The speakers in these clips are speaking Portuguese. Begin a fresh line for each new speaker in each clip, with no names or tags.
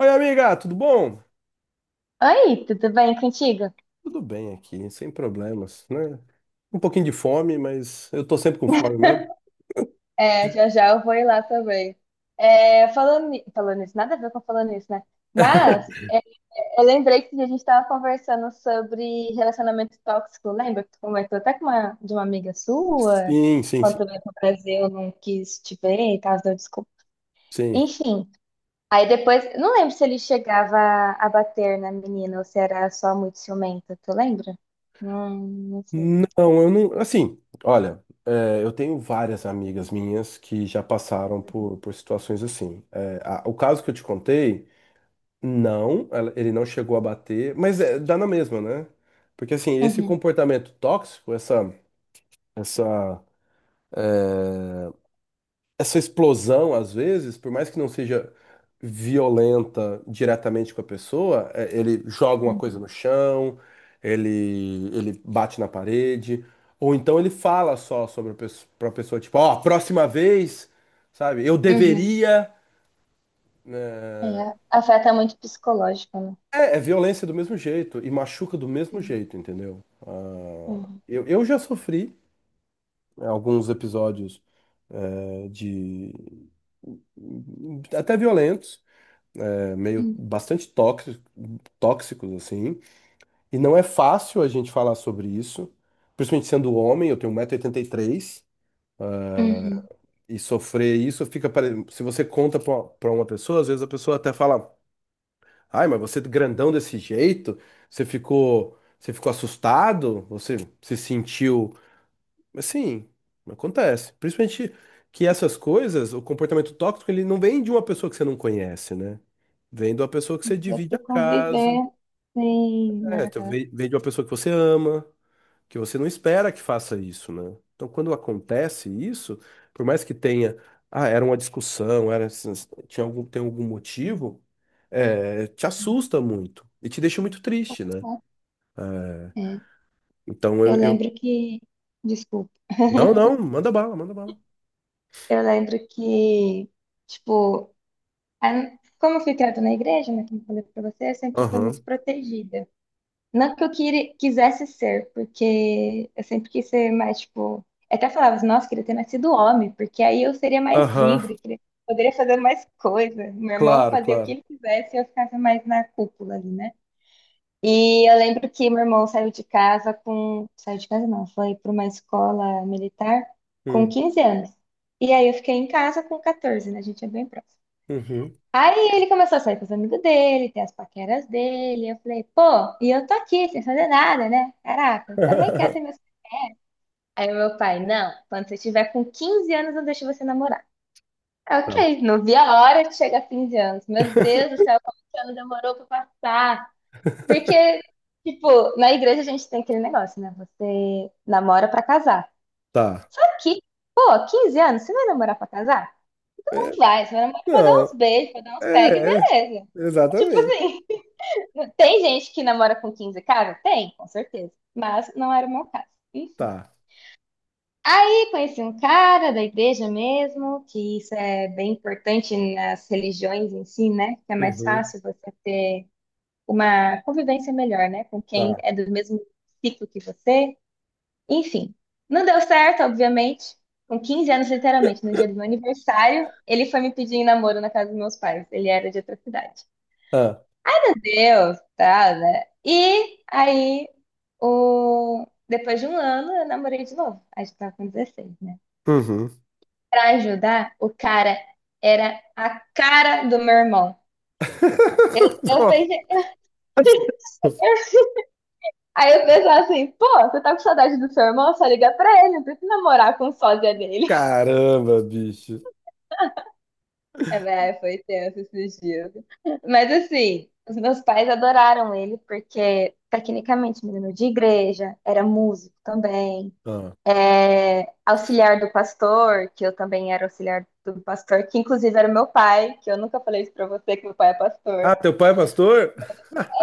Oi, amiga, tudo bom?
Oi, tudo bem contigo?
Tudo bem aqui, sem problemas, né? Um pouquinho de fome, mas eu tô sempre com fome mesmo.
É, já já eu vou ir lá também. É, falando, falando nisso, nada a ver com falando nisso, né? Mas eu lembrei que a gente estava conversando sobre relacionamento tóxico. Lembra que tu comentou até de uma amiga sua,
Sim,
que
sim, sim,
quando veio pro Brasil não quis te ver e tal, deu desculpa.
sim.
Enfim, aí depois, não lembro se ele chegava a bater na menina ou se era só muito ciumento, tu lembra? Não, não sei.
Não, eu não. Assim, olha, é, eu tenho várias amigas minhas que já passaram por situações assim. É, o caso que eu te contei, não, ele não chegou a bater, mas é, dá na mesma, né? Porque assim, esse
Uhum.
comportamento tóxico, essa essa explosão, às vezes, por mais que não seja violenta diretamente com a pessoa, ele joga uma coisa
Uhum.
no chão, ele bate na parede, ou então ele fala só sobre a pessoa, pra pessoa, tipo, ó, próxima vez, sabe, eu
Uhum.
deveria.
É, afeta muito o psicológico, né?
É, é violência do mesmo jeito e machuca do mesmo
Sim.
jeito, entendeu? Ah,
Uhum.
eu já sofri, né, alguns episódios de até violentos. É meio
Uhum.
bastante tóxicos, assim. E não é fácil a gente falar sobre isso, principalmente sendo homem, eu tenho 1,83 m e oitenta e três
Uhum.
e sofrer isso fica se você conta para uma pessoa, às vezes a pessoa até fala: "Ai, mas você é grandão desse jeito, você ficou assustado, você se sentiu". Mas sim, acontece. Principalmente que essas coisas, o comportamento tóxico, ele não vem de uma pessoa que você não conhece, né? Vem de uma pessoa que você
Dá
divide a
para
casa.
conviver, sim,
É, tu
aham.
vem de uma pessoa que você ama, que você não espera que faça isso, né? Então, quando acontece isso, por mais que tenha, ah, era uma discussão, era, tinha algum, tem algum motivo, te assusta muito e te deixa muito triste, né?
É.
Então,
Eu lembro que. Desculpa.
não, não, manda bala, manda bala.
Eu lembro que, tipo, a- como eu fui criada na igreja, né, como eu falei pra você, eu sempre fui
Aham,
muito protegida. Não que eu quisesse ser, porque eu sempre quis ser mais, tipo. Eu até falava assim, nossa, queria ter nascido homem, porque aí eu seria mais
aham,
livre, poderia fazer mais coisa. Meu irmão
claro,
fazia o que
claro.
ele quisesse e eu ficava mais na cúpula ali, né? E eu lembro que meu irmão saiu de casa com. Saiu de casa não, foi para uma escola militar com
Hum,
15 anos. E aí eu fiquei em casa com 14, né? A gente é bem próximo.
uhum.
Aí ele começou a sair com os amigos dele, ter as paqueras dele. Eu falei, pô, e eu tô aqui sem fazer nada, né? Caraca, eu também quero ter meus. Aí o meu pai, não, quando você tiver com 15 anos, eu deixo você namorar.
Tá,
Ok, não vi a hora de chegar a 15 anos. Meu Deus do céu, como esse ano demorou pra passar. Porque, tipo, na igreja a gente tem aquele negócio, né? Você namora pra casar.
tá.
Só que, pô, 15 anos, você vai namorar pra casar? Não
É,
vai, você vai namorar pra dar uns
não,
beijos, pra dar uns pegue,
é, é,
beleza. Tipo
exatamente.
assim. Tem gente que namora com 15, caras? Tem, com certeza. Mas não era o meu caso. Enfim.
Tá,
Aí conheci um cara da igreja mesmo, que isso é bem importante nas religiões em si, né? Que é mais
uhum,
fácil você ter uma convivência melhor, né? Com quem
tá.
é do mesmo ciclo que você. Enfim. Não deu certo, obviamente. Com 15 anos, literalmente, no dia do meu aniversário, ele foi me pedir em namoro na casa dos meus pais. Ele era de outra cidade.
Ah.
Deus, tá, né? E aí, o... depois de um ano, eu namorei de novo. A gente tava com 16, né?
Uhum.
Pra ajudar, o cara era a cara do meu irmão. Eu falei,
Nossa.
Aí eu pensava assim, pô, você tá com saudade do seu irmão? Só liga pra ele, não precisa namorar com o sósia dele.
Caramba, bicho.
É, mas foi tenso esses dias. Mas assim, os meus pais adoraram ele, porque tecnicamente menino de igreja, era músico também.
Ah.
É, auxiliar do pastor, que eu também era auxiliar do pastor, que inclusive era meu pai, que eu nunca falei isso pra você, que meu pai é
Ah,
pastor.
teu pai é pastor?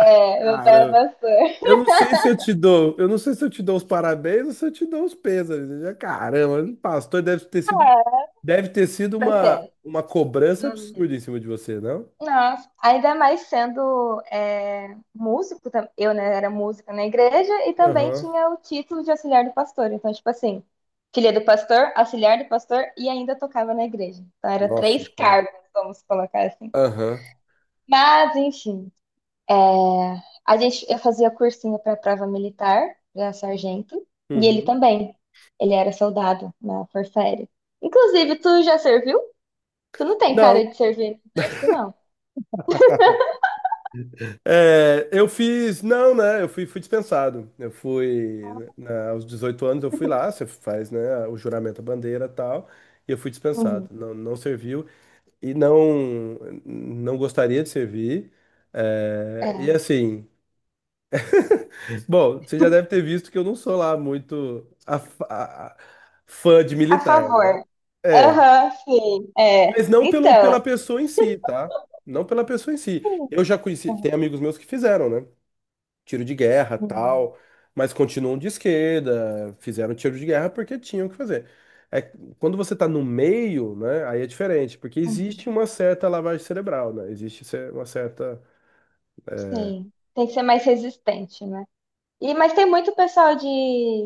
É, meu pai é
Caramba.
pastor.
Eu não sei se eu te dou os parabéns ou se eu te dou os pêsames. Caramba, o pastor deve ter sido,
Ah,
deve ter sido uma,
acontece.
uma cobrança
Hum.
absurda em cima de você, não?
Nossa, ainda mais sendo músico, eu né, era música na igreja e também
Aham.
tinha o título de auxiliar do pastor. Então, tipo assim, filha do pastor, auxiliar do pastor e ainda tocava na igreja. Então, era
Nossa
três
Senhora.
cargos, vamos colocar assim.
Aham.
Mas, enfim. É, eu fazia cursinho para prova militar, para sargento, e ele
Uhum.
também. Ele era soldado na Força Aérea. Inclusive, tu já serviu? Tu não tem
Não,
cara de servir no exército, não.
é, eu fiz. Não, né? Eu fui dispensado. Eu fui. Aos 18 anos eu fui lá, você faz, né, o juramento à bandeira e tal. E eu fui dispensado.
Uhum.
Não, não serviu e não, não gostaria de servir.
É.
É, e assim. Bom, você já deve ter visto que eu não sou lá muito a- a- fã de
A
militar, né?
favor.
É,
Aham, sim. É.
mas não pelo,
Então.
pela pessoa em si, tá? Não pela pessoa em si.
Sim.
Eu já conheci. Tem amigos meus que fizeram, né, tiro de guerra,
Uhum.
tal, mas continuam de esquerda, fizeram tiro de guerra porque tinham que fazer. É, quando você tá no meio, né, aí é diferente, porque
Uhum.
existe uma certa lavagem cerebral, né? Existe uma certa.
Sim. Tem que ser mais resistente, né? E, mas tem muito pessoal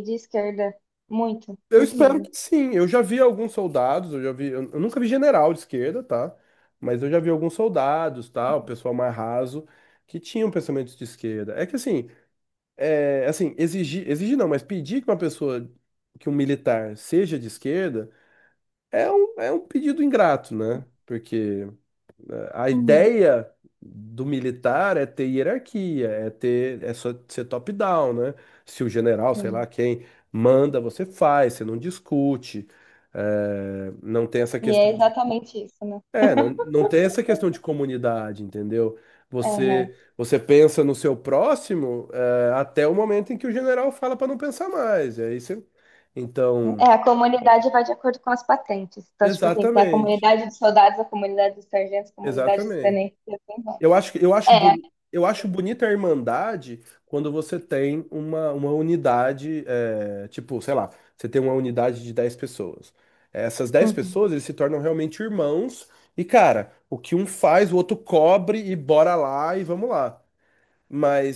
de esquerda. Muito,
Eu
muito
espero
mesmo.
que sim. Eu já vi alguns soldados, eu nunca vi general de esquerda, tá? Mas eu já vi alguns soldados, tal, pessoal mais raso, que tinham pensamentos de esquerda. É que assim, assim, exigir, exigir não, mas pedir que uma pessoa, que um militar seja de esquerda é um pedido ingrato, né? Porque a
Uhum.
ideia do militar é ter hierarquia, é ter, é só ser top-down, né? Se o general, sei
Sim.
lá, quem manda, você faz, você não discute, não tem essa
E é
questão de,
exatamente isso, né?
não, não tem essa questão de comunidade, entendeu? Você pensa no seu próximo, até o momento em que o general fala para não pensar mais. Então,
É, a comunidade vai de acordo com as patentes. Então, tipo assim, tem a
exatamente,
comunidade dos soldados, a comunidade dos sargentos, a comunidade dos
exatamente.
tenentes, e assim vai.
Eu acho, que- eu acho,
É,
boni- eu acho bonita a irmandade quando você tem uma unidade, tipo, sei lá, você tem uma unidade de 10 pessoas. Essas 10
uhum.
pessoas, eles se tornam realmente irmãos. E, cara, o que um faz, o outro cobre e bora lá e vamos lá.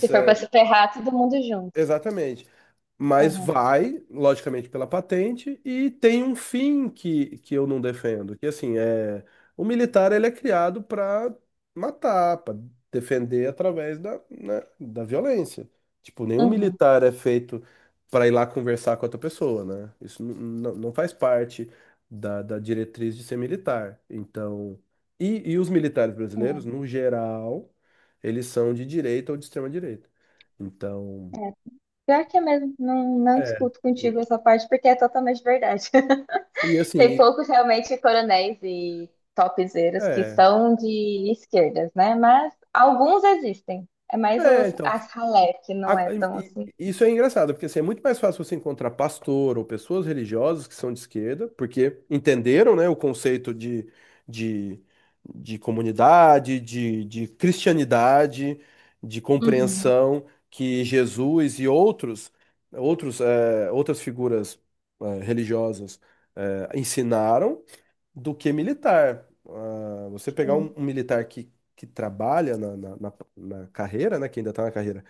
Se for pra
é,
se ferrar, todo mundo junto.
Exatamente. Mas
Aham,
vai, logicamente, pela patente e tem um fim que, eu não defendo, que assim, é o militar ele é criado para matar, para defender através da, né, da violência. Tipo, nenhum
uhum.
militar é feito para ir lá conversar com outra pessoa, né? Isso não faz parte da diretriz de ser militar. Então, e os militares brasileiros, no geral, eles são de direita ou de extrema direita. Então
É, é. Pior que é mesmo, não, não
é,
discuto contigo essa parte, porque é totalmente verdade.
e
Tem
assim,
poucos realmente coronéis e topzeiros que
é,
são de esquerdas, né? Mas alguns existem. É mais
é,
os,
então,
as ralé que não
a-
é tão assim.
isso é engraçado, porque assim, é muito mais fácil você encontrar pastor ou pessoas religiosas que são de esquerda, porque entenderam, né, o conceito de, de, comunidade, de cristianidade, de
Uhum.
compreensão que Jesus e outros, outras figuras, religiosas, ensinaram do que militar. Ah, você pegar um,
Sim.
um militar que, trabalha na carreira, né, que ainda está na carreira,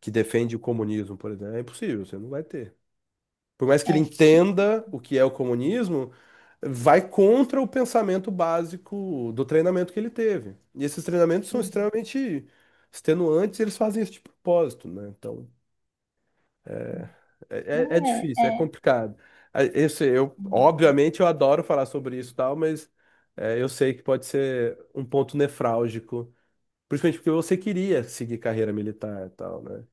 que defende o comunismo, por exemplo, é impossível, você não vai ter. Por mais que ele
É.
entenda o que é o comunismo, vai contra o pensamento básico do treinamento que ele teve. E esses treinamentos são
Uhum.
extremamente extenuantes, e eles fazem isso de propósito, né? Então. É, é
É,
difícil, é
é.
complicado. A- Eu eu, obviamente eu adoro falar sobre isso e tal, mas eu sei que pode ser um ponto nefrálgico, principalmente porque você queria seguir carreira militar e tal, né?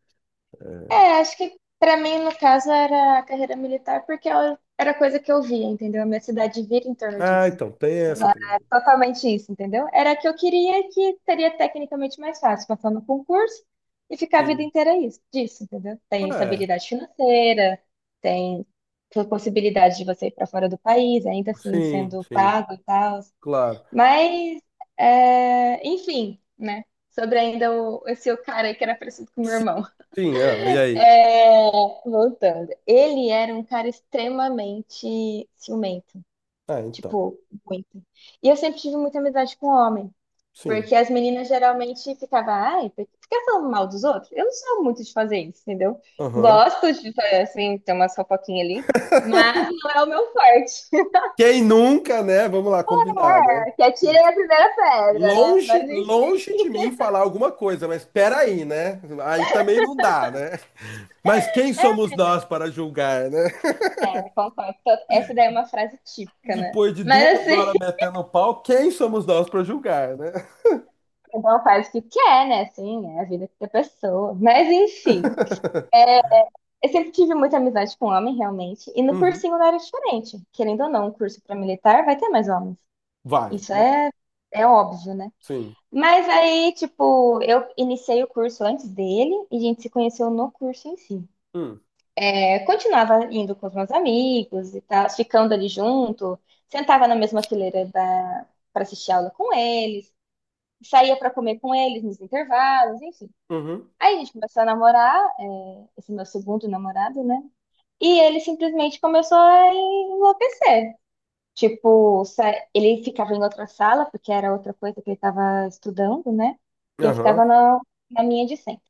É, acho que pra mim, no caso, era a carreira militar, porque ela era a coisa que eu via, entendeu? A minha cidade vira em torno
Ah,
disso.
então, tem essa também.
Totalmente isso, entendeu? Era a que eu queria e que seria tecnicamente mais fácil, passar no concurso e ficar a vida
Sim.
inteira isso, disso, entendeu? Tem
É,
estabilidade financeira, tem possibilidade de você ir para fora do país, ainda assim
sim,
sendo
sim,
pago e tal.
claro.
Mas, é, enfim, né? Sobre ainda o, esse o cara aí que era parecido com o meu irmão.
Sim, sim, ah, e aí?
Voltando. Ele era um cara extremamente ciumento.
Ah, então,
Tipo, muito. E eu sempre tive muita amizade com homem.
sim,
Porque as meninas geralmente ficavam, ai, por que fica falando mal dos outros? Eu não sou muito de fazer isso, entendeu?
aham.
Gosto de, assim, ter umas fofoquinhas ali, mas não é o meu forte.
Quem nunca, né? Vamos lá, combinar, né?
É, que atirem a primeira pedra, né?
Longe,
Mas enfim.
longe de mim falar alguma coisa, mas peraí, né? Aí também não dá, né? Mas quem somos nós para julgar, né?
É, concordo. Então, essa daí é uma frase típica, né?
Depois de
Mas
2
assim,
horas metendo o pau, quem somos nós para julgar, né?
então faz o que quer, né? Assim, é a vida da pessoa. Mas enfim. Eu sempre tive muita amizade com homem, realmente. E no
Uhum.
cursinho não era diferente. Querendo ou não, um curso para militar vai ter mais homens.
Vai,
Isso
vai.
é, é óbvio, né?
Sim.
Mas aí, tipo, eu iniciei o curso antes dele e a gente se conheceu no curso em si.
Hum.
É, continuava indo com os meus amigos e tal, ficando ali junto, sentava na mesma fileira da... para assistir aula com eles, saía para comer com eles nos intervalos, enfim.
Uhum.
Aí a gente começou a namorar, é, esse meu segundo namorado, né? E ele simplesmente começou a enlouquecer. Tipo, ele ficava em outra sala, porque era outra coisa que ele estava estudando, né? E eu ficava
Aham.
na minha de sempre.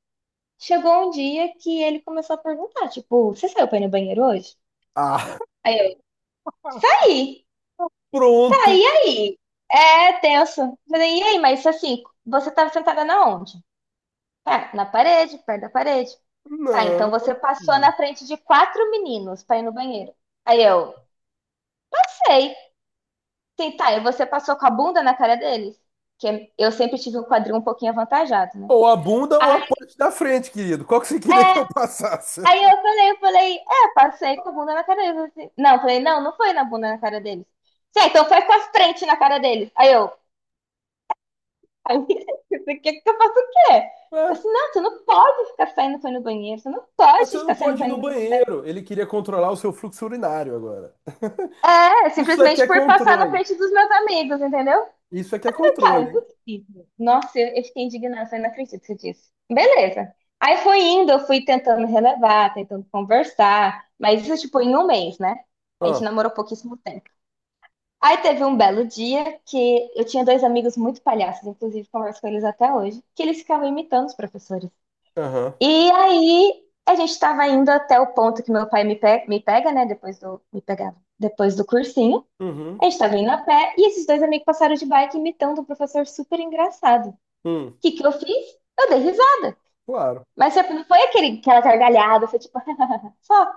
Chegou um dia que ele começou a perguntar, tipo, você saiu pra ir no banheiro hoje?
Ah,
Aí eu, saí, tá,
pronto.
e aí? É tenso. Eu falei, e aí, mas assim, você estava sentada na onde? Tá, na parede, perto da parede. Tá,
Não.
então você passou na frente de quatro meninos pra ir no banheiro. Aí eu, sei. Sim, tá. E você passou com a bunda na cara deles? Que eu sempre tive um quadril um pouquinho avantajado, né?
Ou a bunda ou a parte da frente, querido. Qual que você queria que eu passasse?
Aí eu falei, é, passei com a bunda na cara deles, assim. Não, eu falei, não, não foi na bunda na cara deles. Sim, então foi com a frente na cara deles. O que que eu faço o quê? Eu
É,
assim, não, tu não pode ficar saindo foi no banheiro, tu não
ah,
pode
você não
ficar saindo
pode ir
foi no
no
banheiro.
banheiro. Ele queria controlar o seu fluxo urinário agora.
É,
Isso aqui
simplesmente
é
por passar na
controle.
frente dos meus amigos, entendeu?
Isso aqui é
Cara, não
controle,
é
hein?
possível. Nossa, eu fiquei indignada, eu falei, não acredito que você disse. Beleza. Aí foi indo, eu fui tentando relevar, tentando conversar, mas isso, tipo, em um mês, né? A gente
Ó.
namorou pouquíssimo tempo. Aí teve um belo dia que eu tinha dois amigos muito palhaços, inclusive converso com eles até hoje, que eles ficavam imitando os professores.
Aham.
E aí a gente estava indo até o ponto que meu pai né? Me pegava, depois do cursinho. A
Uhum.
gente estava indo a pé e esses dois amigos passaram de bike imitando um professor super engraçado
Hum.
que eu fiz? Eu dei risada.
Claro.
Mas tipo, não foi aquele, aquela gargalhada, foi tipo, só.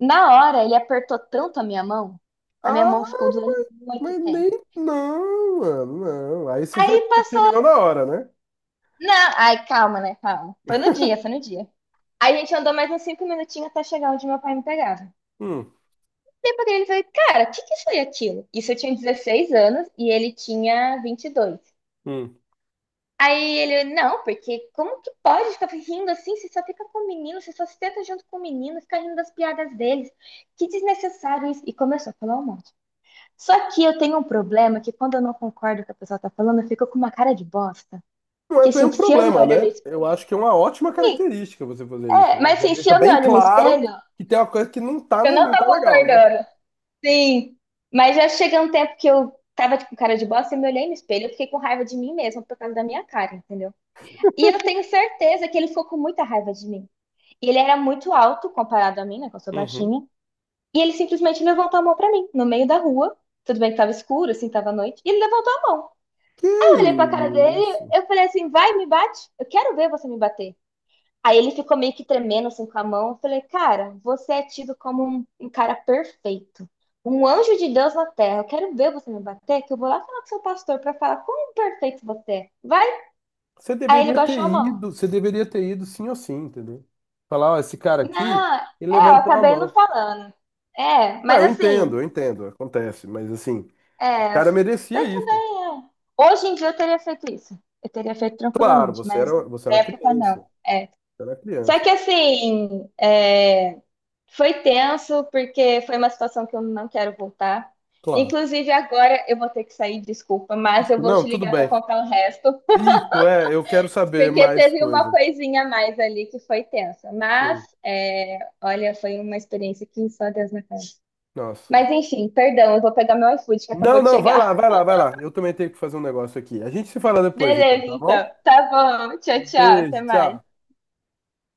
Na hora, ele apertou tanto a minha
Ah,
mão ficou doendo muito
mas
tempo.
nem. Não, mano, não. Aí você já
Aí passou.
terminou na hora, né?
Não, ai, calma, né? Calma. Foi no dia, foi no dia. Aí a gente andou mais uns 5 minutinhos até chegar onde meu pai me pegava.
Hum,
Depois ele falou, cara, o que que foi aquilo? Isso eu tinha 16 anos e ele tinha 22.
hum.
Aí ele, não, porque como que pode ficar rindo assim? Você só fica com o menino, você só se tenta junto com o menino, fica rindo das piadas deles. Que desnecessário isso. E começou a falar um monte. Só que eu tenho um problema que quando eu não concordo com o que a pessoa tá falando, eu fico com uma cara de bosta.
Não é
Que
bem
assim,
um
se eu me
problema,
olho no
né? Eu acho que é uma ótima
espelho.
característica você fazer isso,
É,
né?
mas
Já
assim, se
deixa
eu me
bem
olho no
claro
espelho,
que tem uma coisa que não tá,
eu
né?
não
Não
tô
tá legal, né?
concordando. Sim. Mas já chega um tempo que eu tava tipo, com cara de bosta, eu me olhei no espelho, eu fiquei com raiva de mim mesma por causa da minha cara, entendeu? E eu tenho certeza que ele ficou com muita raiva de mim. E ele era muito alto comparado a mim, né? Que eu sou
Uhum.
baixinha. E ele simplesmente levantou a mão pra mim, no meio da rua. Tudo bem que tava escuro, assim, tava à noite. E ele levantou a mão. Eu olhei
Que
pra cara dele,
isso?
eu falei assim: vai, me bate. Eu quero ver você me bater. Aí ele ficou meio que tremendo, assim, com a mão. Eu falei: cara, você é tido como um cara perfeito. Um anjo de Deus na terra. Eu quero ver você me bater, que eu vou lá falar com seu pastor pra falar como perfeito você é. Vai.
Você
Aí ele
deveria ter
baixou a mão.
ido, você deveria ter ido sim ou sim, entendeu? Falar, ó, esse cara aqui,
Não, é,
ele
eu
levantou a
acabei não
mão.
falando. É,
Não,
mas assim,
eu entendo, acontece, mas assim, o
é,
cara merecia
mas
isso.
também é. Hoje em dia eu teria feito isso. Eu teria feito
Claro,
tranquilamente,
você era,
mas
você
na
era uma
época
criança.
não.
Era
Só
criança.
que assim, é, foi tenso porque foi uma situação que eu não quero voltar.
Claro.
Inclusive agora eu vou ter que sair, desculpa, mas eu
Isso,
vou
não,
te
tudo
ligar para
bem.
contar o resto,
Isso, eu quero saber
porque
mais
teve uma
coisa.
coisinha a mais ali que foi tensa. Mas
Sim.
é, olha, foi uma experiência que só Deus na cara.
Nossa.
Mas enfim, perdão, eu vou pegar meu iFood que
Não,
acabou de
não, vai
chegar.
lá, vai lá, vai lá. Eu também tenho que fazer um negócio aqui. A gente se fala depois, então,
Beleza,
tá bom?
então. Tá bom. Tchau, tchau. Até
Beijo, tchau.
mais.